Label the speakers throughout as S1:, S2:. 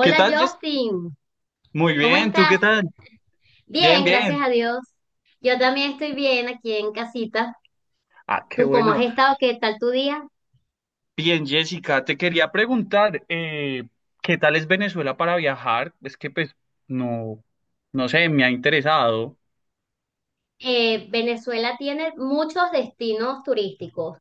S1: ¿Qué tal, Jess?
S2: Justin,
S1: Muy
S2: ¿cómo
S1: bien, ¿tú
S2: estás?
S1: qué tal? Bien,
S2: Bien, gracias
S1: bien.
S2: a Dios. Yo también estoy bien aquí en casita.
S1: Ah, qué
S2: ¿Tú cómo has
S1: bueno.
S2: estado? ¿Qué tal tu día?
S1: Bien, Jessica, te quería preguntar, ¿qué tal es Venezuela para viajar? Es que pues no, no sé, me ha interesado.
S2: Venezuela tiene muchos destinos turísticos.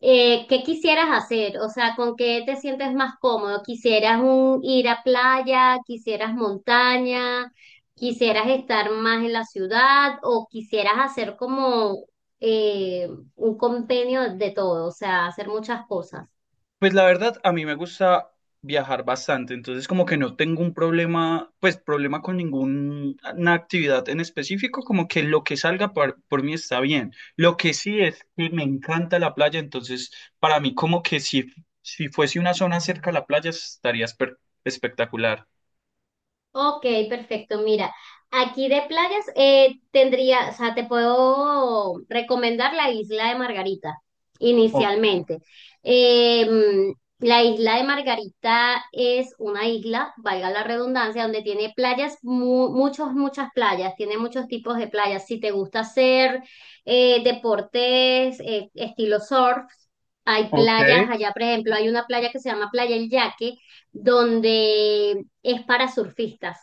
S2: ¿Qué quisieras hacer? O sea, ¿con qué te sientes más cómodo? ¿Quisieras ir a playa? ¿Quisieras montaña? ¿Quisieras estar más en la ciudad? ¿O quisieras hacer como eh, un compendio de todo? O sea, hacer muchas cosas.
S1: Pues la verdad, a mí me gusta viajar bastante, entonces como que no tengo un problema, pues problema con ninguna actividad en específico, como que lo que salga por mí está bien. Lo que sí es que me encanta la playa, entonces para mí como que si, si fuese una zona cerca a la playa estaría espectacular.
S2: Ok, perfecto. Mira, aquí de playas tendría, o sea, te puedo recomendar la isla de Margarita
S1: Ok,
S2: inicialmente. Eh, mm, la isla de Margarita es una isla, valga la redundancia, donde tiene playas, muchas playas, tiene muchos tipos de playas. Si te gusta hacer deportes, estilo surf, hay
S1: ok,
S2: playas allá, por ejemplo, hay una playa que se llama Playa El Yaque, donde es para surfistas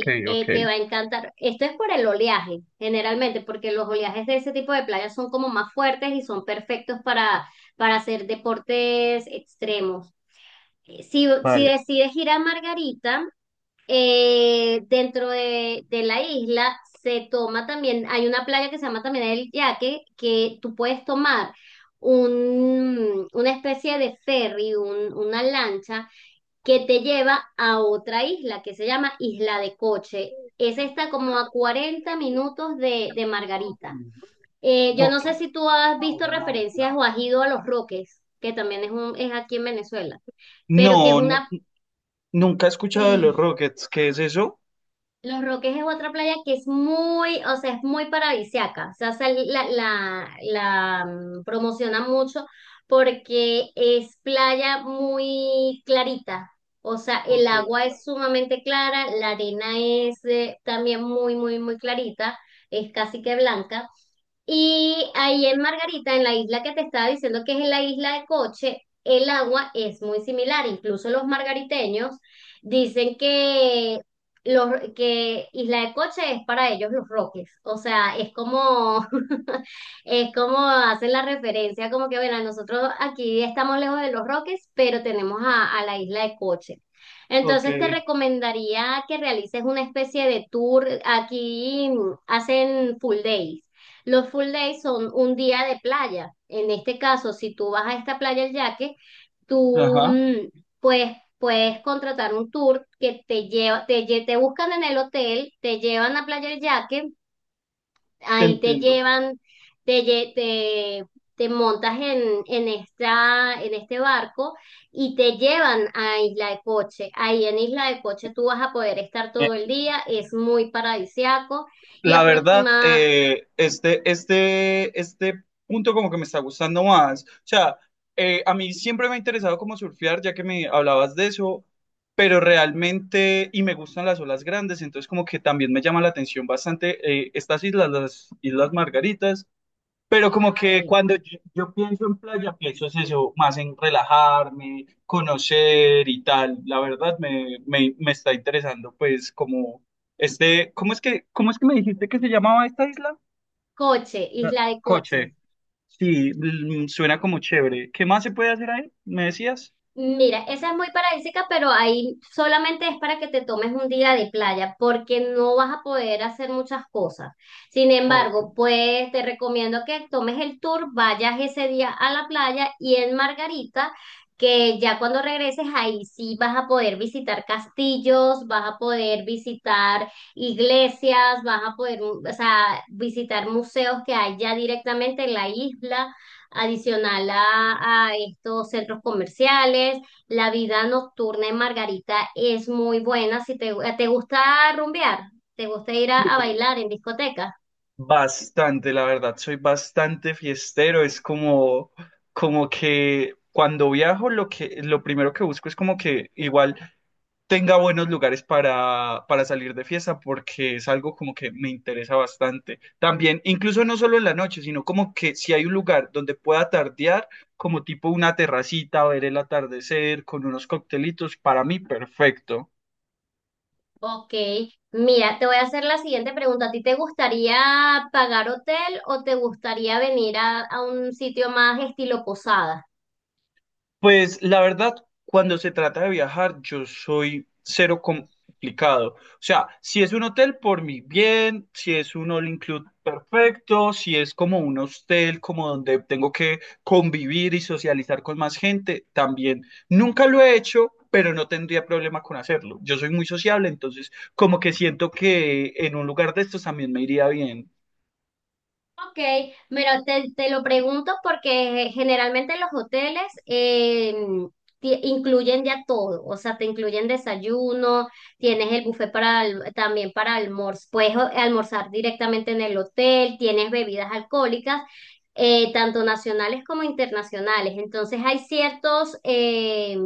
S1: ok, ok,
S2: te va a encantar. Esto es por el oleaje, generalmente, porque los oleajes de ese tipo de playas son como más fuertes y son perfectos para hacer deportes extremos. Si
S1: vale.
S2: decides ir a Margarita, de la isla se toma también, hay una playa que se llama también El Yaque, que tú puedes tomar una especie de ferry, una lancha que te lleva a otra isla que se llama Isla de Coche. Esa está como a 40 minutos de Margarita. Yo no
S1: Ok.
S2: sé si tú has visto referencias o has ido a Los Roques, que también es, un, es aquí en Venezuela,
S1: No,
S2: pero que es una,
S1: nunca he escuchado de los
S2: sí,
S1: Rockets, ¿qué es eso?
S2: Los Roques es otra playa que es muy, o sea, es muy paradisiaca. O sea, promociona mucho porque es playa muy clarita. O sea, el
S1: Ok.
S2: agua es sumamente clara, la arena es también muy, muy, muy clarita, es casi que blanca. Y ahí en Margarita, en la isla que te estaba diciendo que es la isla de Coche, el agua es muy similar. Incluso los margariteños dicen los, que Isla de Coche es para ellos los Roques. O sea, es como, es como hacen la referencia, como que, bueno, nosotros aquí estamos lejos de los Roques, pero tenemos a la Isla de Coche.
S1: Ok.
S2: Entonces te recomendaría que realices una especie de tour. Aquí mm, hacen full days. Los full days son un día de playa. En este caso, si tú vas a esta playa El Yaque, tú
S1: Ajá,
S2: mm, pues puedes contratar un tour que te lleva, te buscan en el hotel, te llevan a Playa El Yaque,
S1: te
S2: ahí te
S1: entiendo.
S2: llevan, te, lle- te, te montas en esta, en este barco y te llevan a Isla de Coche. Ahí en Isla de Coche tú vas a poder estar
S1: Eh,
S2: todo el día, es muy paradisiaco y
S1: La verdad,
S2: aproxima
S1: este punto como que me está gustando más. O sea, a mí siempre me ha interesado como surfear, ya que me hablabas de eso, pero realmente, y me gustan las olas grandes, entonces como que también me llama la atención bastante estas islas, las Islas Margaritas.
S2: en
S1: Pero
S2: Isla
S1: como que
S2: Margarita.
S1: cuando yo pienso en playa, pienso es eso, más en relajarme, conocer y tal. La verdad me está interesando, pues, como este, cómo es que me dijiste que se llamaba esta isla?
S2: Coche, Isla de Coche.
S1: Coche. Sí, mm, suena como chévere. ¿Qué más se puede hacer ahí? ¿Me decías?
S2: Mira, esa es muy paradisíaca, pero ahí solamente es para que te tomes un día de playa, porque no vas a poder hacer muchas cosas. Sin
S1: Ok.
S2: embargo, pues te recomiendo que tomes el tour, vayas ese día a la playa y en Margarita, que ya cuando regreses ahí sí vas a poder visitar castillos, vas a poder visitar iglesias, vas a poder, o sea, visitar museos que hay ya directamente en la isla adicional a estos centros comerciales. La vida nocturna en Margarita es muy buena. Si te, te gusta rumbear, te gusta ir a
S1: Sí.
S2: bailar en discoteca.
S1: Bastante, la verdad, soy bastante fiestero. Es como, como que cuando viajo, lo que, lo primero que busco es como que igual tenga buenos lugares para salir de fiesta, porque es algo como que me interesa bastante. También, incluso no solo en la noche, sino como que si hay un lugar donde pueda tardear, como tipo una terracita, ver el atardecer con unos coctelitos, para mí perfecto.
S2: Ok, mira, te voy a hacer la siguiente pregunta. ¿A ti te gustaría pagar hotel o te gustaría venir a un sitio más estilo posada?
S1: Pues la verdad, cuando se trata de viajar, yo soy cero complicado. O sea, si es un hotel, por mi bien, si es un all include, perfecto, si es como un hostel, como donde tengo que convivir y socializar con más gente, también. Nunca lo he hecho, pero no tendría problema con hacerlo. Yo soy muy sociable, entonces como que siento que en un lugar de estos también me iría bien.
S2: Ok, mira, te lo pregunto porque generalmente los hoteles incluyen ya todo, o sea, te incluyen desayuno, tienes el buffet para también para almuerzo, puedes almorzar directamente en el hotel, tienes bebidas alcohólicas, tanto nacionales como internacionales. Entonces hay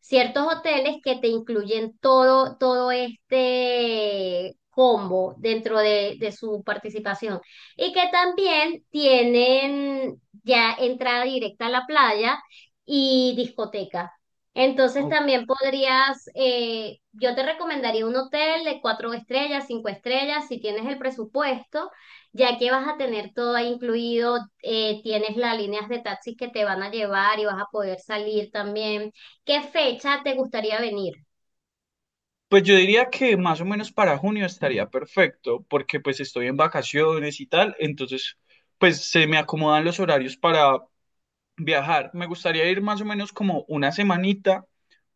S2: ciertos hoteles que te incluyen todo todo este combo dentro de su participación y que también tienen ya entrada directa a la playa y discoteca. Entonces
S1: ¿No?
S2: también podrías, yo te recomendaría un hotel de 4 estrellas, 5 estrellas, si tienes el presupuesto, ya que vas a tener todo ahí incluido, tienes las líneas de taxis que te van a llevar y vas a poder salir también. ¿Qué fecha te gustaría venir?
S1: Pues yo diría que más o menos para junio estaría perfecto, porque pues estoy en vacaciones y tal, entonces pues se me acomodan los horarios para viajar. Me gustaría ir más o menos como una semanita,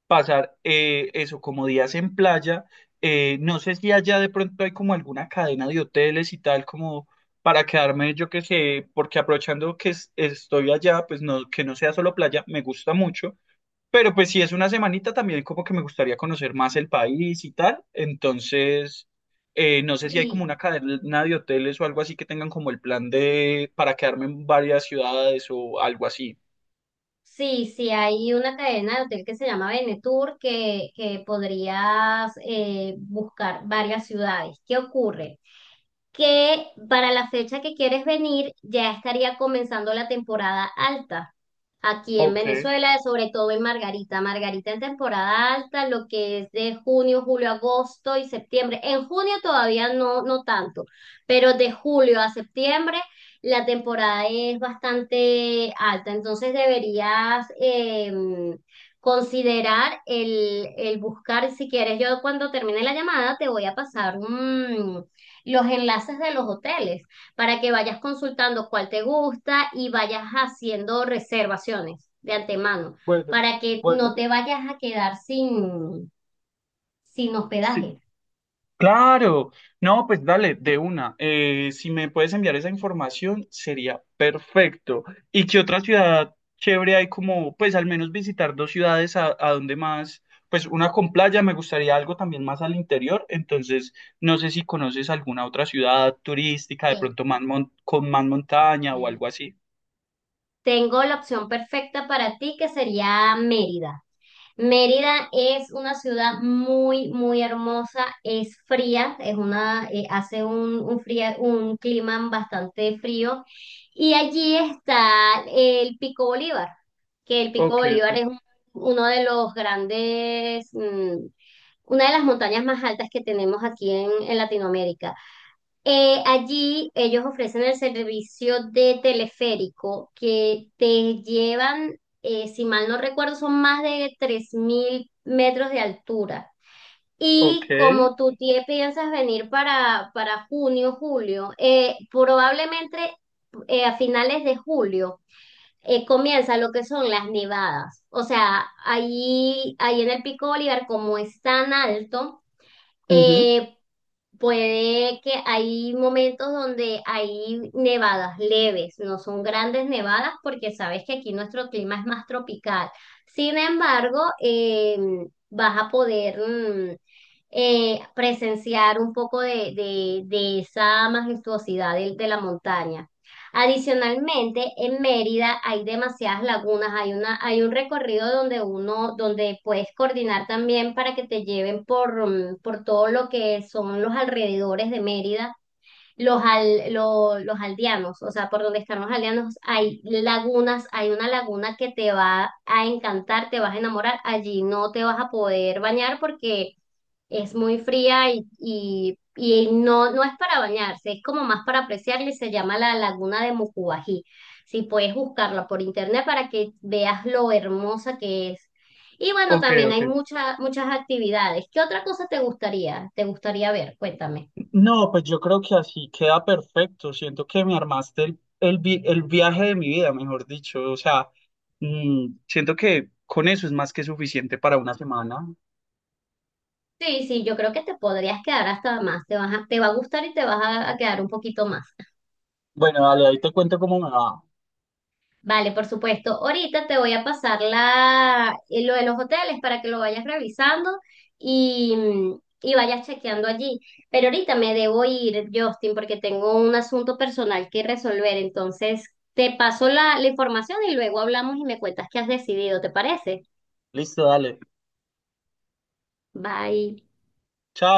S1: pasar eso como días en playa. No sé si allá de pronto hay como alguna cadena de hoteles y tal como para quedarme, yo qué sé, porque aprovechando que estoy allá, pues no, que no sea solo playa, me gusta mucho. Pero pues si es una semanita también como que me gustaría conocer más el país y tal. Entonces, no sé si hay como
S2: Sí.
S1: una cadena de hoteles o algo así que tengan como el plan de para quedarme en varias ciudades o algo así.
S2: Sí, sí, hay una cadena de hotel que se llama Benetour que podrías buscar varias ciudades. ¿Qué ocurre? Que para la fecha que quieres venir ya estaría comenzando la temporada alta aquí en
S1: Ok,
S2: Venezuela, sobre todo en Margarita. Margarita en temporada alta, lo que es de junio, julio, agosto y septiembre. En junio todavía no, no tanto, pero de julio a septiembre la temporada es bastante alta, entonces deberías considerar el buscar, si quieres, yo cuando termine la llamada te voy a pasar mm, los enlaces de los hoteles para que vayas consultando cuál te gusta y vayas haciendo reservaciones de antemano,
S1: bueno,
S2: para que no
S1: bueno.
S2: te vayas a quedar sin
S1: Sí.
S2: hospedaje.
S1: Claro, no, pues dale, de una. Si me puedes enviar esa información, sería perfecto. ¿Y qué otra ciudad chévere hay como, pues al menos visitar dos ciudades a donde más, pues una con playa, me gustaría algo también más al interior, entonces no sé si conoces alguna otra ciudad turística,
S2: Sí.
S1: de pronto más con más montaña o algo así.
S2: Tengo la opción perfecta para ti que sería Mérida. Mérida es una ciudad muy, muy hermosa, es fría, es una, hace un clima bastante frío y allí está el Pico Bolívar, que el Pico
S1: Ok,
S2: Bolívar
S1: ok.
S2: uno de los grandes, mm, una de las montañas más altas que tenemos aquí en Latinoamérica. Allí ellos ofrecen el servicio de teleférico que te llevan, si mal no recuerdo, son más de 3.000 metros de altura.
S1: Ok.
S2: Y como tú piensas venir para junio, julio, probablemente a finales de julio comienza lo que son las nevadas. O sea, ahí en el Pico Bolívar, como es tan alto,
S1: Ujú.
S2: eh, puede que hay momentos donde hay nevadas leves, no son grandes nevadas porque sabes que aquí nuestro clima es más tropical. Sin embargo, vas a poder mm, presenciar un poco de esa majestuosidad de la montaña. Adicionalmente, en Mérida hay demasiadas lagunas, hay una, hay un recorrido donde uno, donde puedes coordinar también para que te lleven por, mm, por todo lo que son los alrededores de Mérida, los aldeanos, o sea, por donde están los aldeanos, hay lagunas, hay una laguna que te va a encantar, te vas a enamorar, allí no te vas a poder bañar porque es muy fría y no, no es para bañarse, es como más para apreciarla y se llama la Laguna de Mucubají. Si puedes buscarla por internet para que veas lo hermosa que es. Y bueno,
S1: Ok,
S2: también hay
S1: ok.
S2: muchas muchas actividades. ¿Qué otra cosa te gustaría? ¿Te gustaría ver? Cuéntame.
S1: No, pues yo creo que así queda perfecto. Siento que me armaste el viaje de mi vida, mejor dicho. O sea, mm, siento que con eso es más que suficiente para una semana.
S2: Sí, sí, yo creo que te podrías quedar hasta más. Te va a gustar y te vas a quedar un poquito más.
S1: Bueno, dale, ahí te cuento cómo me va.
S2: Vale, por supuesto. Ahorita te voy a pasar la, lo de los hoteles para que lo vayas revisando y, mm, y vayas chequeando allí. Pero ahorita me debo ir, Justin, porque tengo un asunto personal que resolver. Entonces, te paso la información y luego hablamos y me cuentas qué has decidido, ¿te parece?
S1: Listo, dale.
S2: Bye.
S1: Chao.